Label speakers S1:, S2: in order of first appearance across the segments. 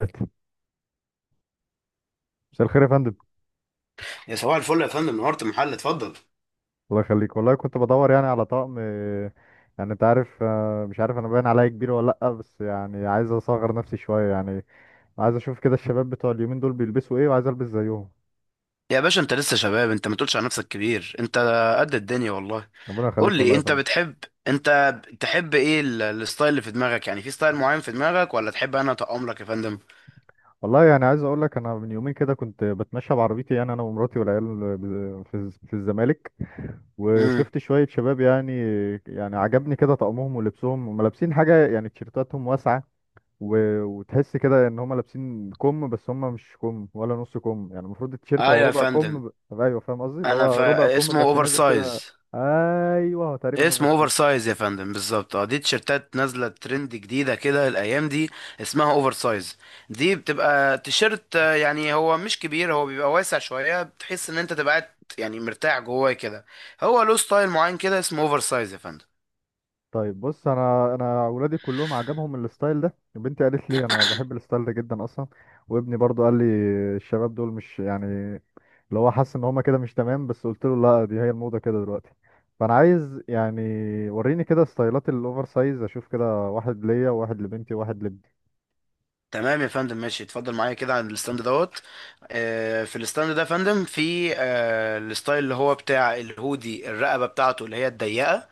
S1: مساء الخير يا فندم.
S2: يا صباح الفل يا فندم. نهارت المحل. اتفضل
S1: الله يخليك والله، كنت بدور يعني على طقم، يعني انت عارف، مش عارف انا باين عليا كبير ولا لا، بس يعني عايز اصغر نفسي شويه يعني. عايز اشوف كده الشباب بتوع اليومين دول بيلبسوا ايه، وعايز البس زيهم.
S2: يا باشا، انت لسه شباب، انت ما تقولش على نفسك كبير، انت قد الدنيا والله.
S1: ربنا
S2: قول
S1: يخليك والله
S2: لي
S1: يا
S2: انت
S1: فندم.
S2: بتحب، انت تحب ايه الستايل اللي في دماغك؟ يعني في ستايل معين في دماغك ولا تحب انا اطقم لك يا فندم؟
S1: والله يعني عايز اقول لك، انا من يومين كده كنت بتمشى بعربيتي، يعني انا ومراتي والعيال، في في الزمالك،
S2: امم
S1: وشفت شويه شباب يعني. يعني عجبني كده طقمهم ولبسهم، هم لابسين حاجه يعني تيشيرتاتهم واسعه و... وتحس كده ان هم لابسين كم، بس هم مش كم ولا نص كم، يعني المفروض التيشيرت
S2: ايوه
S1: هو
S2: يا
S1: ربع
S2: فندم.
S1: كم ايوه فاهم قصدي، اللي
S2: انا
S1: هو ربع كم
S2: اسمه
S1: بس
S2: اوفر
S1: نازل كده.
S2: سايز.
S1: ايوه هو تقريبا اوفر
S2: اسمه اوفر
S1: سايز.
S2: سايز يا فندم، بالظبط. اه دي تيشيرتات نازله ترند جديده كده الايام دي، اسمها اوفر سايز. دي بتبقى تيشيرت، يعني هو مش كبير، هو بيبقى واسع شويه، بتحس ان انت تبقى قاعد يعني مرتاح جواه كده. هو له ستايل معين كده، اسمه اوفر سايز يا فندم.
S1: طيب بص، انا اولادي كلهم عجبهم الستايل ده، بنتي قالت لي انا بحب الستايل ده جدا اصلا، وابني برضو قال لي الشباب دول مش يعني اللي هو حاسس ان هم كده مش تمام، بس قلت له لا دي هي الموضة كده دلوقتي. فانا عايز يعني وريني كده ستايلات الاوفر سايز، اشوف كده واحد ليا وواحد لبنتي وواحد.
S2: تمام يا فندم، ماشي، اتفضل معايا كده عند الستاند دوت. في الستاند ده يا فندم، في الستايل اللي هو بتاع الهودي، الرقبه بتاعته اللي هي الضيقه،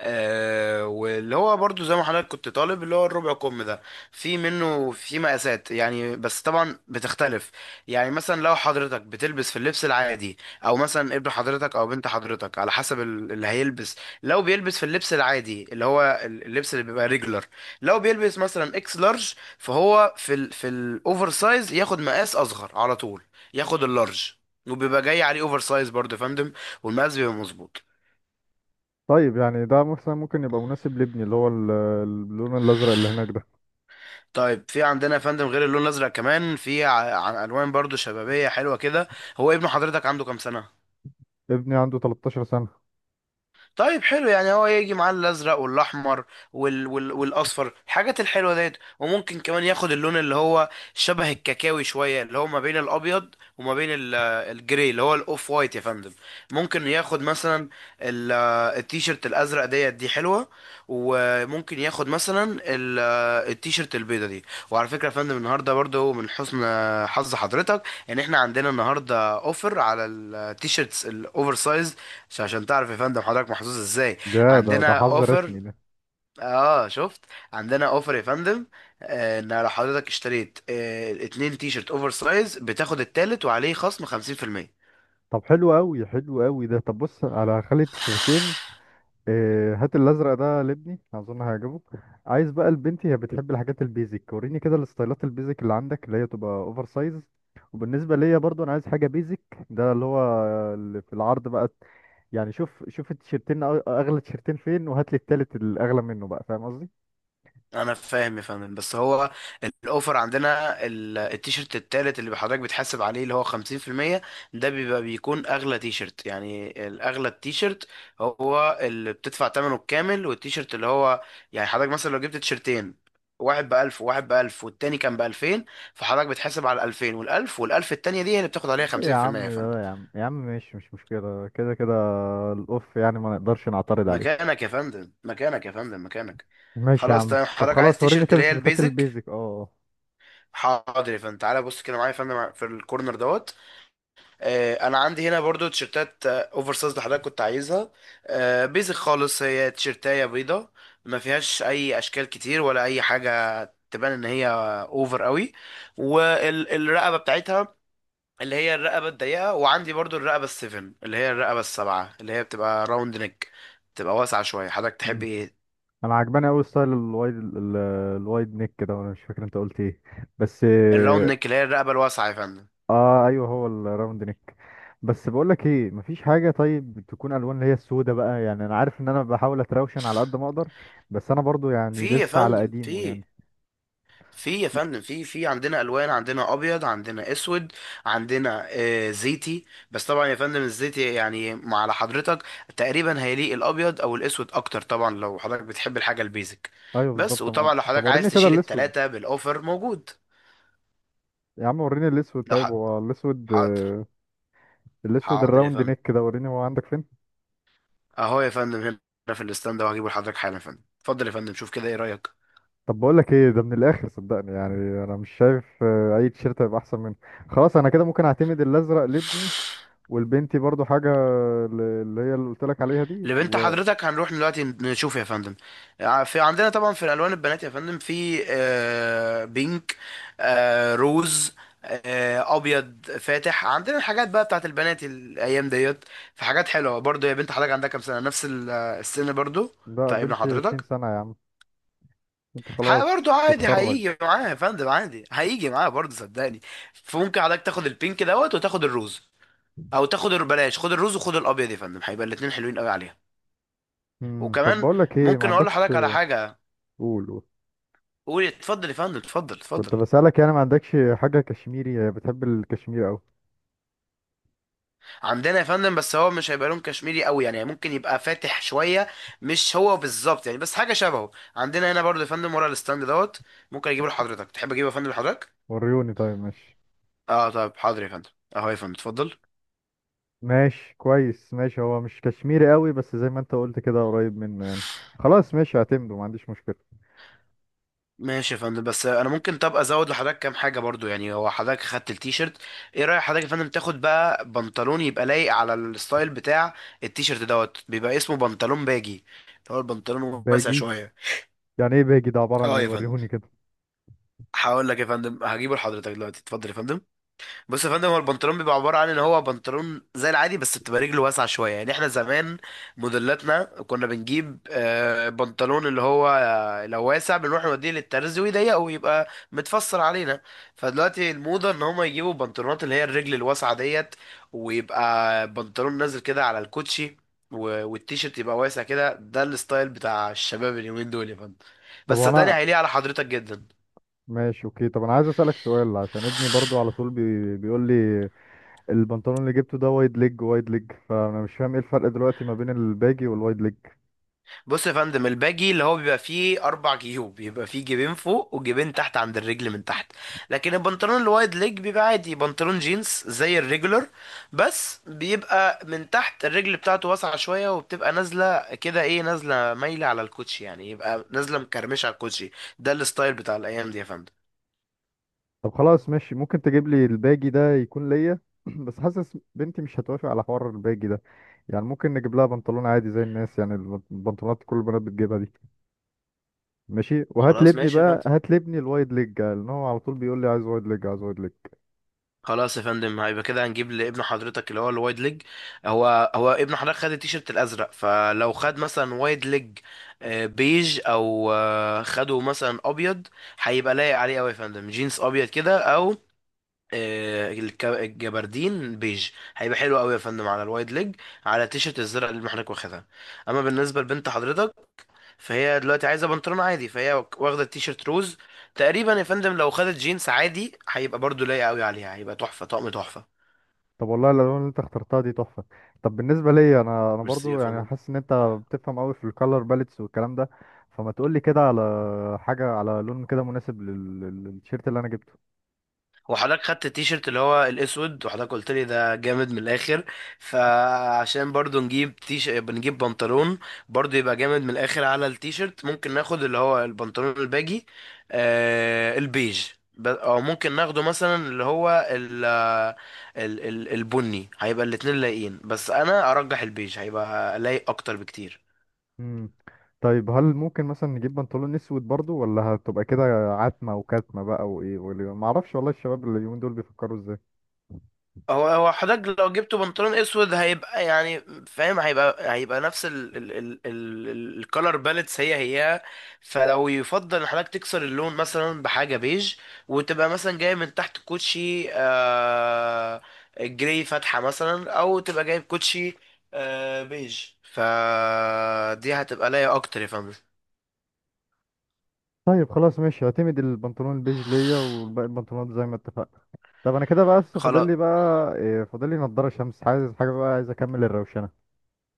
S2: آه، واللي هو برضو زي ما حضرتك كنت طالب اللي هو الربع كم ده. في منه في مقاسات يعني، بس طبعا بتختلف. يعني مثلا لو حضرتك بتلبس في اللبس العادي، او مثلا ابن حضرتك او بنت حضرتك، على حسب اللي هيلبس. لو بيلبس في اللبس العادي اللي هو اللبس اللي بيبقى ريجلر، لو بيلبس مثلا اكس لارج، فهو في الاوفر سايز ياخد مقاس اصغر على طول، ياخد اللارج، وبيبقى جاي عليه اوفر سايز برضه يا فندم، والمقاس بيبقى مظبوط.
S1: طيب يعني ده مثلا ممكن يبقى مناسب لابني، اللي هو اللون الازرق اللي هناك ده.
S2: طيب، في عندنا يا فندم غير اللون الازرق كمان، في عن الوان برضو شبابيه حلوه كده. هو ابن حضرتك عنده كام سنه؟
S1: ابني عنده 13 سنه.
S2: طيب حلو، يعني هو يجي معاه الازرق والاحمر والاصفر، الحاجات الحلوه ديت، وممكن كمان ياخد اللون اللي هو شبه الكاكاوي شويه، اللي هو ما بين الابيض وما بين الجري، اللي هو الاوف وايت يا فندم. ممكن ياخد مثلا ال... التيشيرت الازرق ديت، دي حلوه، وممكن ياخد مثلا التيشيرت البيضه دي. وعلى فكره يا فندم، النهارده برضو من حسن حظ حضرتك ان احنا عندنا النهارده اوفر على التيشيرتس الاوفر سايز. مش عشان تعرف يا فندم حضرتك محظوظ ازاي،
S1: ده
S2: عندنا
S1: حظ
S2: اوفر.
S1: رسمي ده.
S2: اه شفت؟ عندنا اوفر يا فندم، ان لو حضرتك اشتريت اتنين تي شيرت اوفر سايز، بتاخد التالت وعليه خصم 50%.
S1: طب حلو قوي، حلو قوي ده. طب بص، على خلي التيشيرتين، هات الازرق ده لابني، اظن هيعجبه. عايز بقى لبنتي، هي بتحب الحاجات البيزك، وريني كده الستايلات البيزك اللي عندك، اللي هي تبقى اوفر سايز. وبالنسبه ليا برضو انا عايز حاجه بيزك، ده اللي هو اللي في العرض بقى. يعني شوف شوف التيشيرتين اغلى تيشيرتين فين، وهات لي التالت الاغلى منه بقى، فاهم قصدي.
S2: انا فاهم يا فندم، بس هو الاوفر عندنا التيشيرت التالت اللي حضرتك بتحاسب عليه اللي هو 50%، ده بيبقى بيكون اغلى تيشيرت. يعني الاغلى التيشيرت هو اللي بتدفع ثمنه الكامل، والتيشيرت اللي هو، يعني حضرتك مثلا لو جبت تيشيرتين، واحد بألف وواحد بألف والتاني كان بألفين، فحضرتك بتحاسب على الألفين، والألف والألف التانية دي هي اللي بتاخد عليها
S1: يا
S2: خمسين في المية
S1: عم
S2: يا فندم.
S1: لا، يا عم يا عم ماشي، مش مشكلة كده كده. الأوف يعني ما نقدرش نعترض عليه.
S2: مكانك يا فندم، مكانك يا فندم، مكانك.
S1: ماشي يا
S2: خلاص،
S1: عم،
S2: تمام،
S1: طب
S2: حضرتك عايز
S1: خلاص وريني
S2: تيشيرت
S1: كده
S2: اللي هي
S1: تيشيرتات
S2: البيزك.
S1: البيزك.
S2: حاضر يا فندم، تعالى بص كده معايا يا فندم في الكورنر دوت. آه، انا عندي هنا برضو تيشرتات، اوفر سايز اللي حضرتك كنت عايزها، آه بيزك خالص، هي تيشرتايه بيضه، ما فيهاش اي اشكال كتير ولا اي حاجه، تبان ان هي اوفر قوي. والرقبه بتاعتها اللي هي الرقبه الضيقه، وعندي برضو الرقبه السفن اللي هي الرقبه السبعه اللي هي بتبقى راوند نيك، بتبقى واسعه شويه. حضرتك تحب
S1: مم.
S2: ايه؟
S1: أنا عجباني أوي ستايل الوايد نيك كده، وأنا مش فاكر أنت قلت إيه بس.
S2: الراوند نيك اللي هي الرقبه الواسعه يا فندم.
S1: آه أيوه، هو الراوند نيك. بس بقولك إيه، مفيش حاجة طيب تكون ألوان اللي هي السودة بقى؟ يعني أنا عارف إن أنا بحاول أتراوشن على قد ما أقدر، بس أنا برضو يعني
S2: في يا
S1: لسه على
S2: فندم
S1: قديمه
S2: في
S1: يعني.
S2: في يا فندم في عندنا الوان، عندنا ابيض، عندنا اسود، عندنا آه زيتي، بس طبعا يا فندم الزيتي يعني مع على حضرتك تقريبا، هيليق الابيض او الاسود اكتر، طبعا لو حضرتك بتحب الحاجه البيزك.
S1: أيوه
S2: بس،
S1: بالظبط طبعا،
S2: وطبعا لو
S1: طب
S2: حضرتك
S1: وريني
S2: عايز
S1: كده
S2: تشيل
S1: الأسود.
S2: التلاته بالاوفر موجود.
S1: يا عم وريني الاسود،
S2: لو
S1: طيب
S2: ح-
S1: هو الاسود،
S2: حاضر.
S1: الاسود
S2: حاضر يا
S1: الراوند
S2: فندم،
S1: نيك كده، وريني هو عندك فين.
S2: اهو يا فندم هنا في الاستاند ده، وهجيبه لحضرتك حالا يا فندم. اتفضل يا فندم، شوف كده، ايه رايك؟
S1: طب بقول لك ايه، ده من الاخر صدقني، يعني انا مش شايف اي تيشيرت هيبقى احسن منه. خلاص انا كده ممكن اعتمد الازرق لابني، والبنتي برضو حاجه اللي هي اللي قلت لك عليها دي
S2: لبنت
S1: وده.
S2: حضرتك هنروح دلوقتي نشوف يا فندم. في عندنا طبعا في الالوان البنات يا فندم، في بينك، روز، ابيض فاتح. عندنا الحاجات بقى بتاعت البنات الايام ديت، في حاجات حلوه برضو. يا بنت حضرتك عندها كام سنه؟ نفس السن برضو بتاع ابن
S1: بنتي 20
S2: حضرتك.
S1: سنه يا عم، انت
S2: برضو
S1: خلاص
S2: عادي،
S1: تتخرج.
S2: هيجي معاه يا فندم، عادي هيجي معاه برضو، صدقني. فممكن حضرتك تاخد البينك دوت وتاخد الروز، او تاخد بلاش، خد الروز وخد الابيض يا فندم، هيبقى الاتنين حلوين قوي عليها.
S1: امم، طب
S2: وكمان
S1: بقول لك ايه، ما
S2: ممكن اقول
S1: عندكش؟
S2: لحضرتك على حاجه.
S1: قول قول.
S2: قولي، اتفضل يا فندم، اتفضل،
S1: كنت
S2: اتفضل.
S1: بسالك يعني، ما عندكش حاجه كشميري؟ بتحب الكشمير قوي.
S2: عندنا يا فندم، بس هو مش هيبقى لون كشميري قوي، يعني ممكن يبقى فاتح شويه، مش هو بالظبط يعني، بس حاجه شبهه. عندنا هنا برضه يا فندم ورا الستاند دوت، ممكن اجيبه لحضرتك. تحب اجيبه يا فندم لحضرتك؟
S1: وريوني، طيب ماشي.
S2: اه طيب، حاضر يا فندم. اهو يا فندم، اتفضل.
S1: ماشي كويس ماشي، هو مش كشميري قوي، بس زي ما انت قلت كده قريب منه يعني. خلاص ماشي هعتمده، ما عنديش مشكلة.
S2: ماشي يا فندم، بس انا ممكن طب ازود لحضرتك كام حاجه برضو، يعني هو حضرتك خدت التيشيرت، ايه رايك حضرتك يا فندم تاخد بقى بنطلون يبقى لايق على الستايل بتاع التيشيرت دوت؟ بيبقى اسمه بنطلون باجي، اللي هو البنطلون واسع
S1: باجي،
S2: شويه.
S1: يعني ايه باجي ده؟ عبارة عن
S2: اه
S1: ايه؟
S2: يا فندم،
S1: وريهوني كده.
S2: هقول لك يا فندم، هجيبه لحضرتك دلوقتي، اتفضل يا فندم. بص يا فندم، هو البنطلون بيبقى عبارة عن ان هو بنطلون زي العادي، بس بتبقى رجله واسعة شوية. يعني احنا زمان موديلاتنا كنا بنجيب بنطلون اللي هو، لو واسع بنروح نوديه للترز، ويضيقه ويبقى متفصل علينا. فدلوقتي الموضة ان هما يجيبوا بنطلونات اللي هي الرجل الواسعة ديت، ويبقى بنطلون نازل كده على الكوتشي، والتيشيرت يبقى واسع كده. ده الستايل بتاع الشباب اليومين دول يا فندم،
S1: طب
S2: بس صدقني
S1: انا
S2: هيليق على حضرتك جدا.
S1: ماشي اوكي، طب انا عايز اسألك سؤال، عشان ابني برضو على طول بيقول لي البنطلون اللي جبته ده وايد ليج وايد ليج، فانا مش فاهم ايه الفرق دلوقتي ما بين الباجي والوايد ليج.
S2: بص يا فندم، الباجي اللي هو بيبقى فيه اربع جيوب، بيبقى فيه جيبين فوق وجيبين تحت عند الرجل من تحت. لكن البنطلون الوايد ليج بيبقى عادي بنطلون جينز زي الريجولر، بس بيبقى من تحت الرجل بتاعته واسعة شوية، وبتبقى نازلة كده، ايه، نازلة مايلة على الكوتشي، يعني يبقى نازلة مكرمشة على الكوتشي. ده الستايل بتاع الايام دي يا فندم.
S1: طب خلاص ماشي، ممكن تجيب لي الباجي ده يكون ليا. بس حاسس بنتي مش هتوافق على حوار الباجي ده، يعني ممكن نجيب لها بنطلون عادي زي الناس يعني، البنطلونات كل البنات بتجيبها دي. ماشي، وهات
S2: خلاص
S1: لابني
S2: ماشي يا
S1: بقى،
S2: فندم،
S1: هات لابني الوايد ليج، لان هو على طول بيقول لي عايز وايد ليج عايز وايد ليج.
S2: خلاص يا فندم، هيبقى كده هنجيب لابن حضرتك اللي هو الوايد ليج. هو ابن حضرتك خد التيشيرت الازرق، فلو خد مثلا وايد ليج بيج، او خده مثلا ابيض، هيبقى لايق عليه قوي يا فندم، جينز ابيض كده، او الجبردين بيج، هيبقى حلو قوي يا فندم على الوايد ليج، على التيشيرت الزرق اللي ابن حضرتك واخدها. اما بالنسبه لبنت حضرتك، فهي دلوقتي عايزه بنطلون عادي، فهي واخده التيشيرت روز، تقريبا يا فندم لو خدت جينز عادي هيبقى برضو لايق قوي عليها، هيبقى تحفه، طقم تحفه.
S1: طب والله الالوان اللي انت اخترتها دي تحفه. طب بالنسبه ليا، انا
S2: ميرسي يا
S1: برضو يعني
S2: فندم.
S1: حاسس ان انت بتفهم قوي في الكالر باليتس والكلام ده، فما تقول لي كده على حاجه، على لون كده مناسب للتيشيرت اللي انا جبته.
S2: وحضرتك خدت التيشيرت اللي هو الاسود، وحضرتك قلت لي ده جامد من الاخر، فعشان برضو نجيب تيش، بنجيب بنطلون برضو يبقى جامد من الاخر على التيشيرت، ممكن ناخد اللي هو البنطلون الباجي البيج، او ممكن ناخده مثلا اللي هو ال ال ال البني، هيبقى الاتنين لايقين، بس انا ارجح البيج هيبقى لايق اكتر بكتير.
S1: امم، طيب هل ممكن مثلا نجيب بنطلون اسود برضو، ولا هتبقى كده عتمه وكتمه بقى وايه ما اعرفش والله، الشباب اللي اليومين دول بيفكروا ازاي.
S2: هو حضرتك لو جبته بنطلون اسود هيبقى يعني فاهم، هيبقى نفس ال الكالر باليتس، هي هي. فلو يفضل ان حضرتك تكسر اللون مثلا بحاجه بيج، وتبقى مثلا جاي من تحت كوتشي جراي فاتحه مثلا، او تبقى جايب كوتشي بيج، فدي هتبقى لايقه اكتر يا فندم.
S1: طيب خلاص ماشي، اعتمد البنطلون البيج ليا، والباقي البنطلونات زي ما اتفقنا. طب انا كده بقى، بس فاضل
S2: خلاص،
S1: لي بقى إيه، فاضل لي نضاره شمس، عايز حاجه بقى، عايز اكمل الروشنه.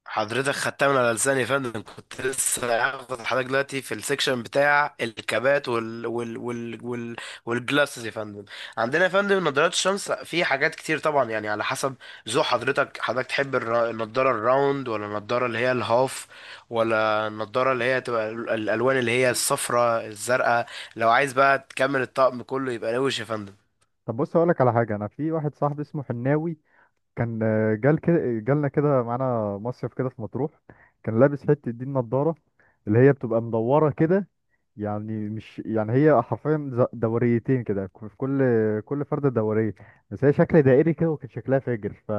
S2: حضرتك خدتها من على لساني يا فندم، كنت لسه هاخد حضرتك دلوقتي في السكشن بتاع الكابات والجلاسز يا فندم. عندنا يا فندم نظارات الشمس في حاجات كتير طبعا، يعني على حسب ذوق حضرتك، حضرتك تحب النضاره الراوند، ولا النضاره اللي هي الهاف، ولا النضاره اللي هي تبقى الالوان اللي هي الصفراء الزرقاء. لو عايز بقى تكمل الطقم كله، يبقى روش يا فندم.
S1: طب بص اقول لك على حاجه، انا في واحد صاحبي اسمه حناوي، كان جال كده جالنا كده معانا مصيف كده في مطروح، كان لابس حته دي النضاره اللي هي بتبقى مدوره كده، يعني مش يعني هي حرفيا دوريتين كده في كل كل فرده دوريه، بس هي شكل دائري كده، وكان شكلها فاجر ف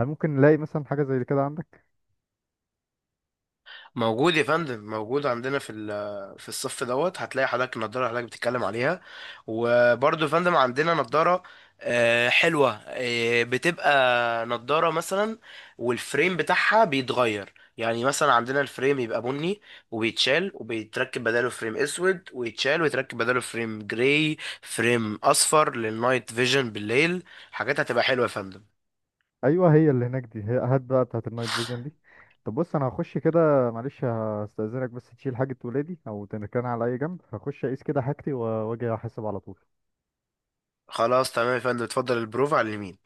S1: هل ممكن نلاقي مثلا حاجه زي كده عندك؟
S2: موجود يا فندم، موجود، عندنا في في الصف دوت هتلاقي حضرتك النضاره اللي حضرتك بتتكلم عليها. وبرضه يا فندم عندنا نضاره حلوه، بتبقى نضاره مثلا والفريم بتاعها بيتغير، يعني مثلا عندنا الفريم يبقى بني، وبيتشال وبيتركب بداله فريم اسود، ويتشال ويتركب بداله فريم جراي، فريم اصفر للنايت فيجن بالليل، حاجات هتبقى حلوه يا فندم.
S1: ايوه هي اللي هناك دي، هي هات بقى بتاعت النايت فيجن دي. طب بص انا هخش كده معلش، هستأذنك بس تشيل حاجة ولادي او تركنها على اي جنب، هخش اقيس كده حاجتي واجي احاسب على طول.
S2: خلاص، تمام يا فندم، اتفضل، البروف على اليمين.